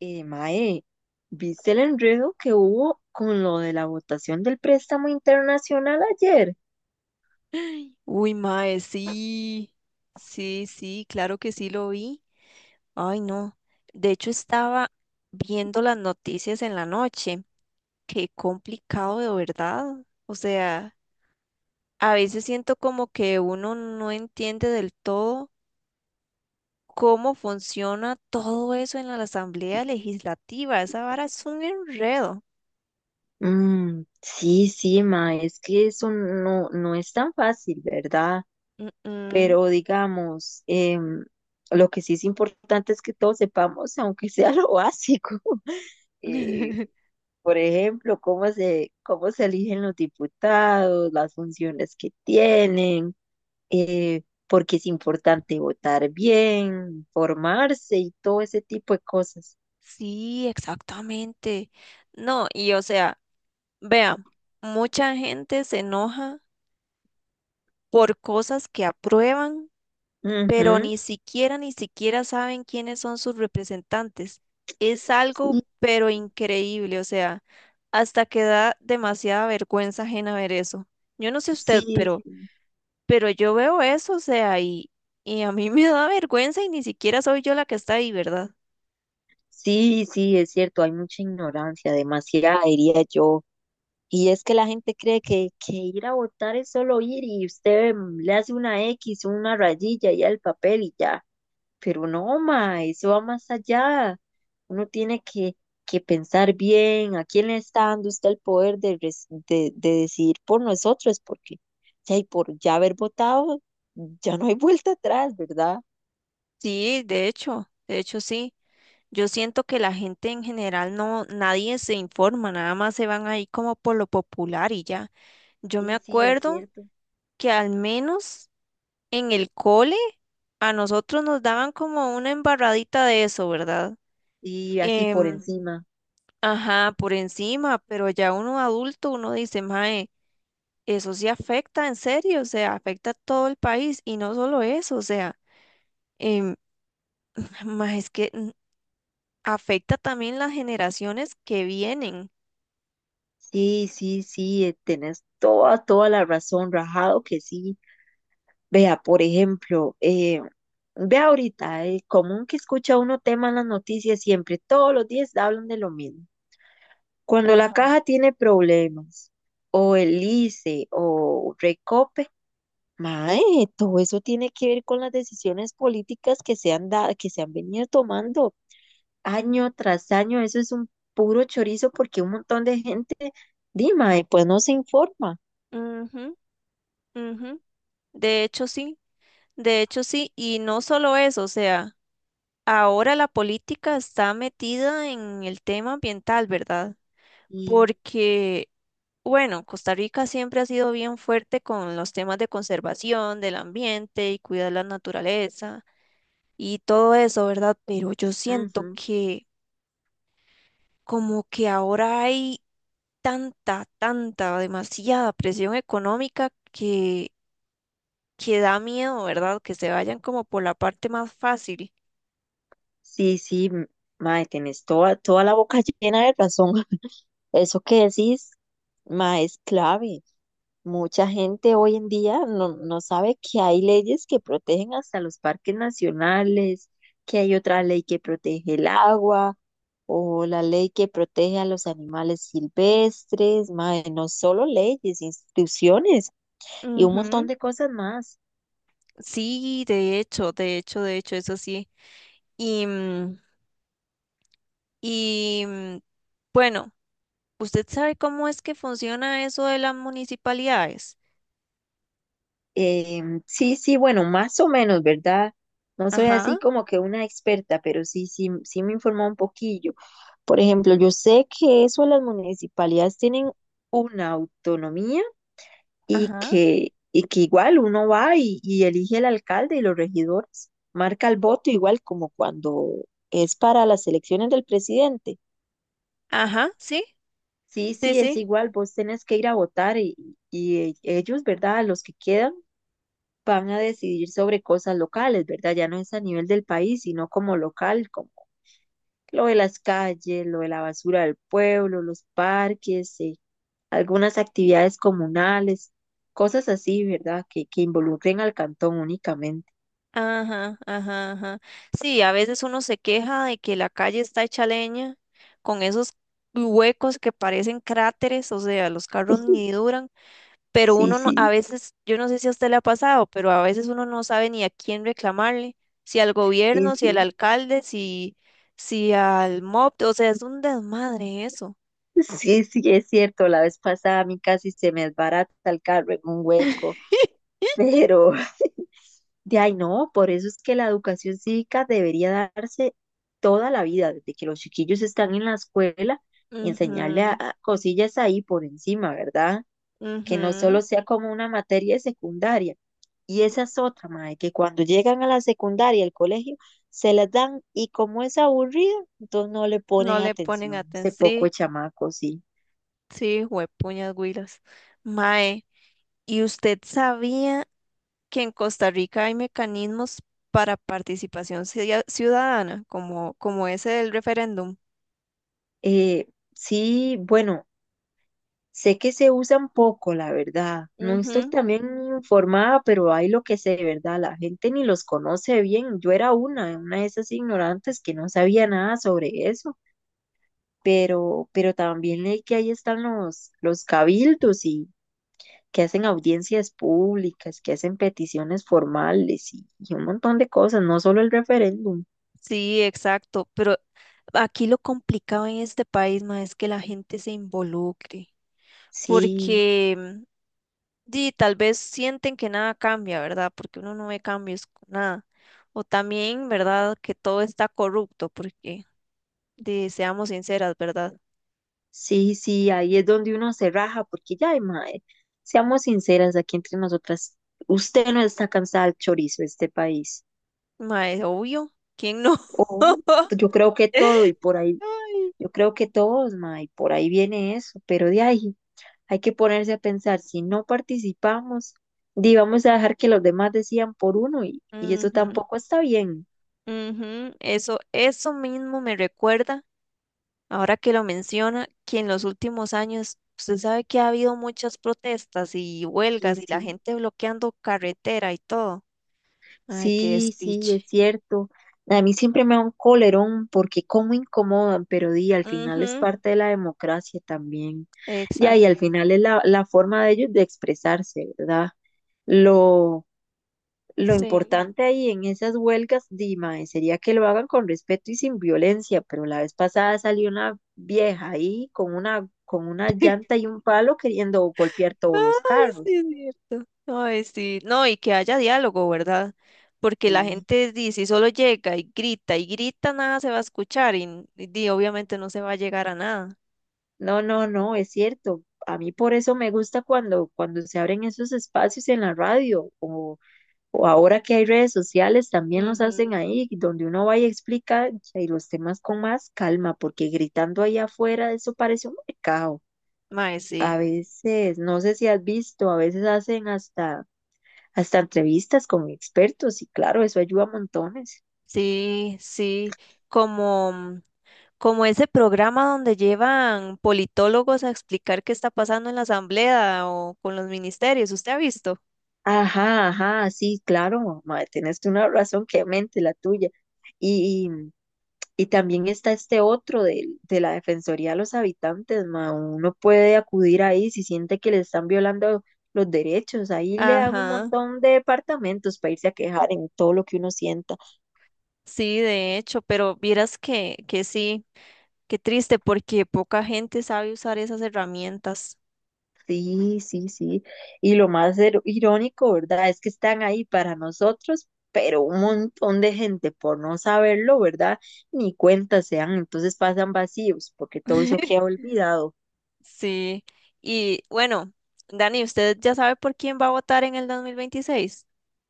Mae, ¿viste el enredo que hubo con lo de la votación del préstamo internacional ayer? Uy, mae, sí, sí, sí, claro que sí lo vi. Ay, no. De hecho, estaba viendo las noticias en la noche. Qué complicado de verdad. O sea, a veces siento como que uno no entiende del todo cómo funciona todo eso en la Asamblea Legislativa. Esa vara es un enredo. Sí, sí, mae, es que eso no es tan fácil, ¿verdad? Mm, mm. Pero digamos, lo que sí es importante es que todos sepamos, aunque sea lo básico. Eh, por ejemplo, cómo se eligen los diputados, las funciones que tienen, por qué es importante votar bien, formarse y todo ese tipo de cosas. Sí, exactamente. No, y o sea. Vea, mucha gente se enoja por cosas que aprueban, pero Ujú. ni siquiera saben quiénes son sus representantes. Es algo, Sí, pero increíble, o sea, hasta que da demasiada vergüenza ajena ver eso. Yo no sé usted, sí, pero yo veo eso, o sea, y a mí me da vergüenza y ni siquiera soy yo la que está ahí, ¿verdad? sí, sí, es cierto, hay mucha ignorancia, demasiada, diría yo. Y es que la gente cree que ir a votar es solo ir y usted le hace una X, una rayilla y al papel y ya. Pero no, ma, eso va más allá. Uno tiene que, que pensar bien a quién le está dando usted el poder de, de decidir por nosotros, porque si hay por ya haber votado, ya no hay vuelta atrás, ¿verdad? Sí, de hecho sí. Yo siento que la gente en general no, nadie se informa, nada más se van ahí como por lo popular y ya. Yo me Sí, sí, es acuerdo cierto. que al menos en el cole a nosotros nos daban como una embarradita de eso, ¿verdad? Y así por Em, encima. ajá, por encima, pero ya uno adulto, uno dice, mae, eso sí afecta en serio, o sea, afecta a todo el país y no solo eso, o sea, em, mae, es que afecta también las generaciones que vienen. Sí, sí, sí, tenés toda, toda la razón, rajado que sí. Vea, por ejemplo, vea ahorita, el común que escucha uno tema en las noticias siempre, todos los días hablan de lo mismo. Cuando la Ajá. caja tiene problemas, o el ICE, o Recope, mae, todo eso tiene que ver con las decisiones políticas que que se han venido tomando año tras año. Eso es un puro chorizo porque un montón de gente, dime, pues no se informa. Ujú. Ujú, de hecho, sí, de hecho, sí, y no solo eso, o sea, ahora la política está metida en el tema ambiental, ¿verdad? Y, Porque, bueno, Costa Rica siempre ha sido bien fuerte con los temas de conservación del ambiente y cuidar la naturaleza y todo eso, ¿verdad? Pero yo siento ujú. que como que ahora hay tanta, tanta, demasiada presión económica que da miedo, ¿verdad? Que se vayan como por la parte más fácil. Sí, sí, mae, tenés toda, toda la boca llena de razón. Eso que decís, mae, es clave. Mucha gente hoy en día no sabe que hay leyes que protegen hasta los parques nacionales, que hay otra ley que protege el agua o la ley que protege a los animales silvestres, mae, no solo leyes, instituciones y un montón Ujú. de cosas más. Sí, de hecho, eso sí. Y, mm, y mm, bueno, ¿usted sabe cómo es que funciona eso de las municipalidades? Sí, sí, bueno, más o menos, ¿verdad? No soy Ajá, así como que una experta, pero sí, sí, sí me informó un poquillo. Por ejemplo, yo sé que eso las municipalidades tienen una autonomía ajá. Y que igual uno va y elige al alcalde y los regidores, marca el voto igual como cuando es para las elecciones del presidente. Ajá, sí, Sí, sí, sí, es sí. igual, vos tenés que ir a votar y ellos, ¿verdad? Los que quedan van a decidir sobre cosas locales, ¿verdad? Ya no es a nivel del país, sino como local, como lo de las calles, lo de la basura del pueblo, los parques, algunas actividades comunales, cosas así, ¿verdad? Que involucren al cantón únicamente. Ajá, ajá, ajá. Sí, a veces uno se queja de que la calle está hecha leña con esos huecos que parecen cráteres, o sea, los carros ni duran. Pero Sí, uno no- a sí, veces, yo no sé si a usted le ha pasado, pero a veces uno no sabe ni a quién reclamarle, si al sí, gobierno, si al sí. alcalde, si al MOP, o P, o sea, es un desmadre eso. Sí, sí, es cierto, la vez pasada a mí casi se me desbarata el carro en un hueco, pero de ahí no, por eso es que la educación cívica debería darse toda la vida, desde que los chiquillos están en la escuela, Ujú, a cosillas ahí por encima, ¿verdad? Que no ujú. solo sea como una materia secundaria. Y esa es otra, mae, que cuando llegan a la secundaria, al colegio, se las dan y como es aburrido, entonces no le ponen No le ponen atención. atención. Ese poco de Sí, chamacos, sí. sí, juepuñas güilas. Mae, ¿y usted sabía que en Costa Rica hay mecanismos para participación ciudadana, como ese del referéndum? Eh, sí, bueno, sé que se usan poco, la verdad. No estoy Ujú. también informada, pero hay lo que sé, ¿verdad? La gente ni los conoce bien. Yo era una de esas ignorantes que no sabía nada sobre eso. Pero también leí que ahí están los cabildos y que hacen audiencias públicas, que hacen peticiones formales y un montón de cosas, no solo el referéndum. Sí, exacto, pero aquí lo complicado en este país, ma, es que la gente se involucre, Sí, porque di, tal vez sienten que nada cambia, ¿verdad? Porque uno no ve cambios con nada. O también, ¿verdad? Que todo está corrupto, porque di, seamos sinceras, ¿verdad? sí, sí, ahí es donde uno se raja, porque ya, ay, mae, seamos sinceras aquí entre nosotras, usted no está cansada del chorizo de este país. Ma, es obvio, ¿quién no? O yo creo que todo y por ahí, Ay. yo creo que todos, mae, por ahí viene eso, pero de ahí hay que ponerse a pensar, si no participamos, di, vamos a dejar que los demás decían por uno y eso Ujú, tampoco está bien. ujú, Eso mismo me recuerda. Ahora que lo menciona, que en los últimos años usted sabe que ha habido muchas protestas y Y huelgas y la sí. gente bloqueando carretera y todo. Ay, qué Sí, sí, despiche. es cierto. A mí siempre me da un colerón porque cómo incomodan, pero di, al final es Ujú, parte de la democracia también. Ya, y exacto. al final es la forma de ellos de expresarse, ¿verdad? Lo, lo Sí. importante ahí en esas huelgas, Dima, sería que lo hagan con respeto y sin violencia, pero la vez pasada salió una vieja ahí con una llanta y un palo queriendo golpear Ay, todos los sí, carros. es cierto. Ay, sí. No, y que haya diálogo, ¿verdad? Porque la Sí. gente dice, si solo llega y grita, nada se va a escuchar y di, obviamente no se va a llegar a nada. No, no, no, es cierto. A mí por eso me gusta cuando se abren esos espacios en la radio o ahora que hay redes sociales también los hacen Ujú. ahí, donde uno va y explica y los temas con más calma, porque gritando ahí afuera eso parece un mercado. Mae, sí, A veces, no sé si has visto, a veces hacen hasta entrevistas con expertos y claro, eso ayuda a montones. sí, sí, como, Como ese programa donde llevan politólogos a explicar qué está pasando en la asamblea o con los ministerios, ¿usted ha visto? Ajá, ajá, sí, claro, mae, tienes una razón que mente la tuya. Y también está este otro la Defensoría de los Habitantes, ma. Uno puede acudir ahí si siente que le están violando los derechos. Ahí le dan un Ajá, montón de departamentos para irse a quejar en todo lo que uno sienta. sí, de hecho, pero vieras que sí, qué triste porque poca gente sabe usar esas herramientas. Sí, sí, sí. Y lo más irónico, ¿verdad? Es que están ahí para nosotros, pero un montón de gente por no saberlo, ¿verdad? Ni cuenta se dan, entonces pasan vacíos, porque todo eso queda olvidado. Sí, y bueno, Dani, ¿usted ya sabe por quién va a votar en el 2026?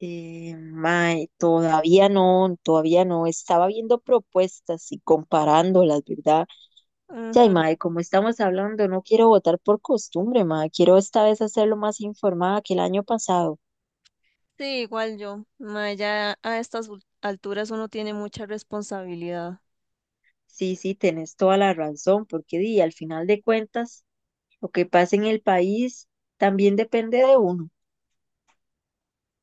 Mae, todavía no, todavía no. Estaba viendo propuestas y comparándolas, ¿verdad? Ya, y Ujú. mae, como estamos hablando, no quiero votar por costumbre, mae. Quiero esta vez hacerlo más informada que el año pasado. Sí, igual yo. Ma, ya a estas alturas uno tiene mucha responsabilidad. Sí, sí, tenés toda la razón, porque di, al final de cuentas, lo que pasa en el país también depende de uno.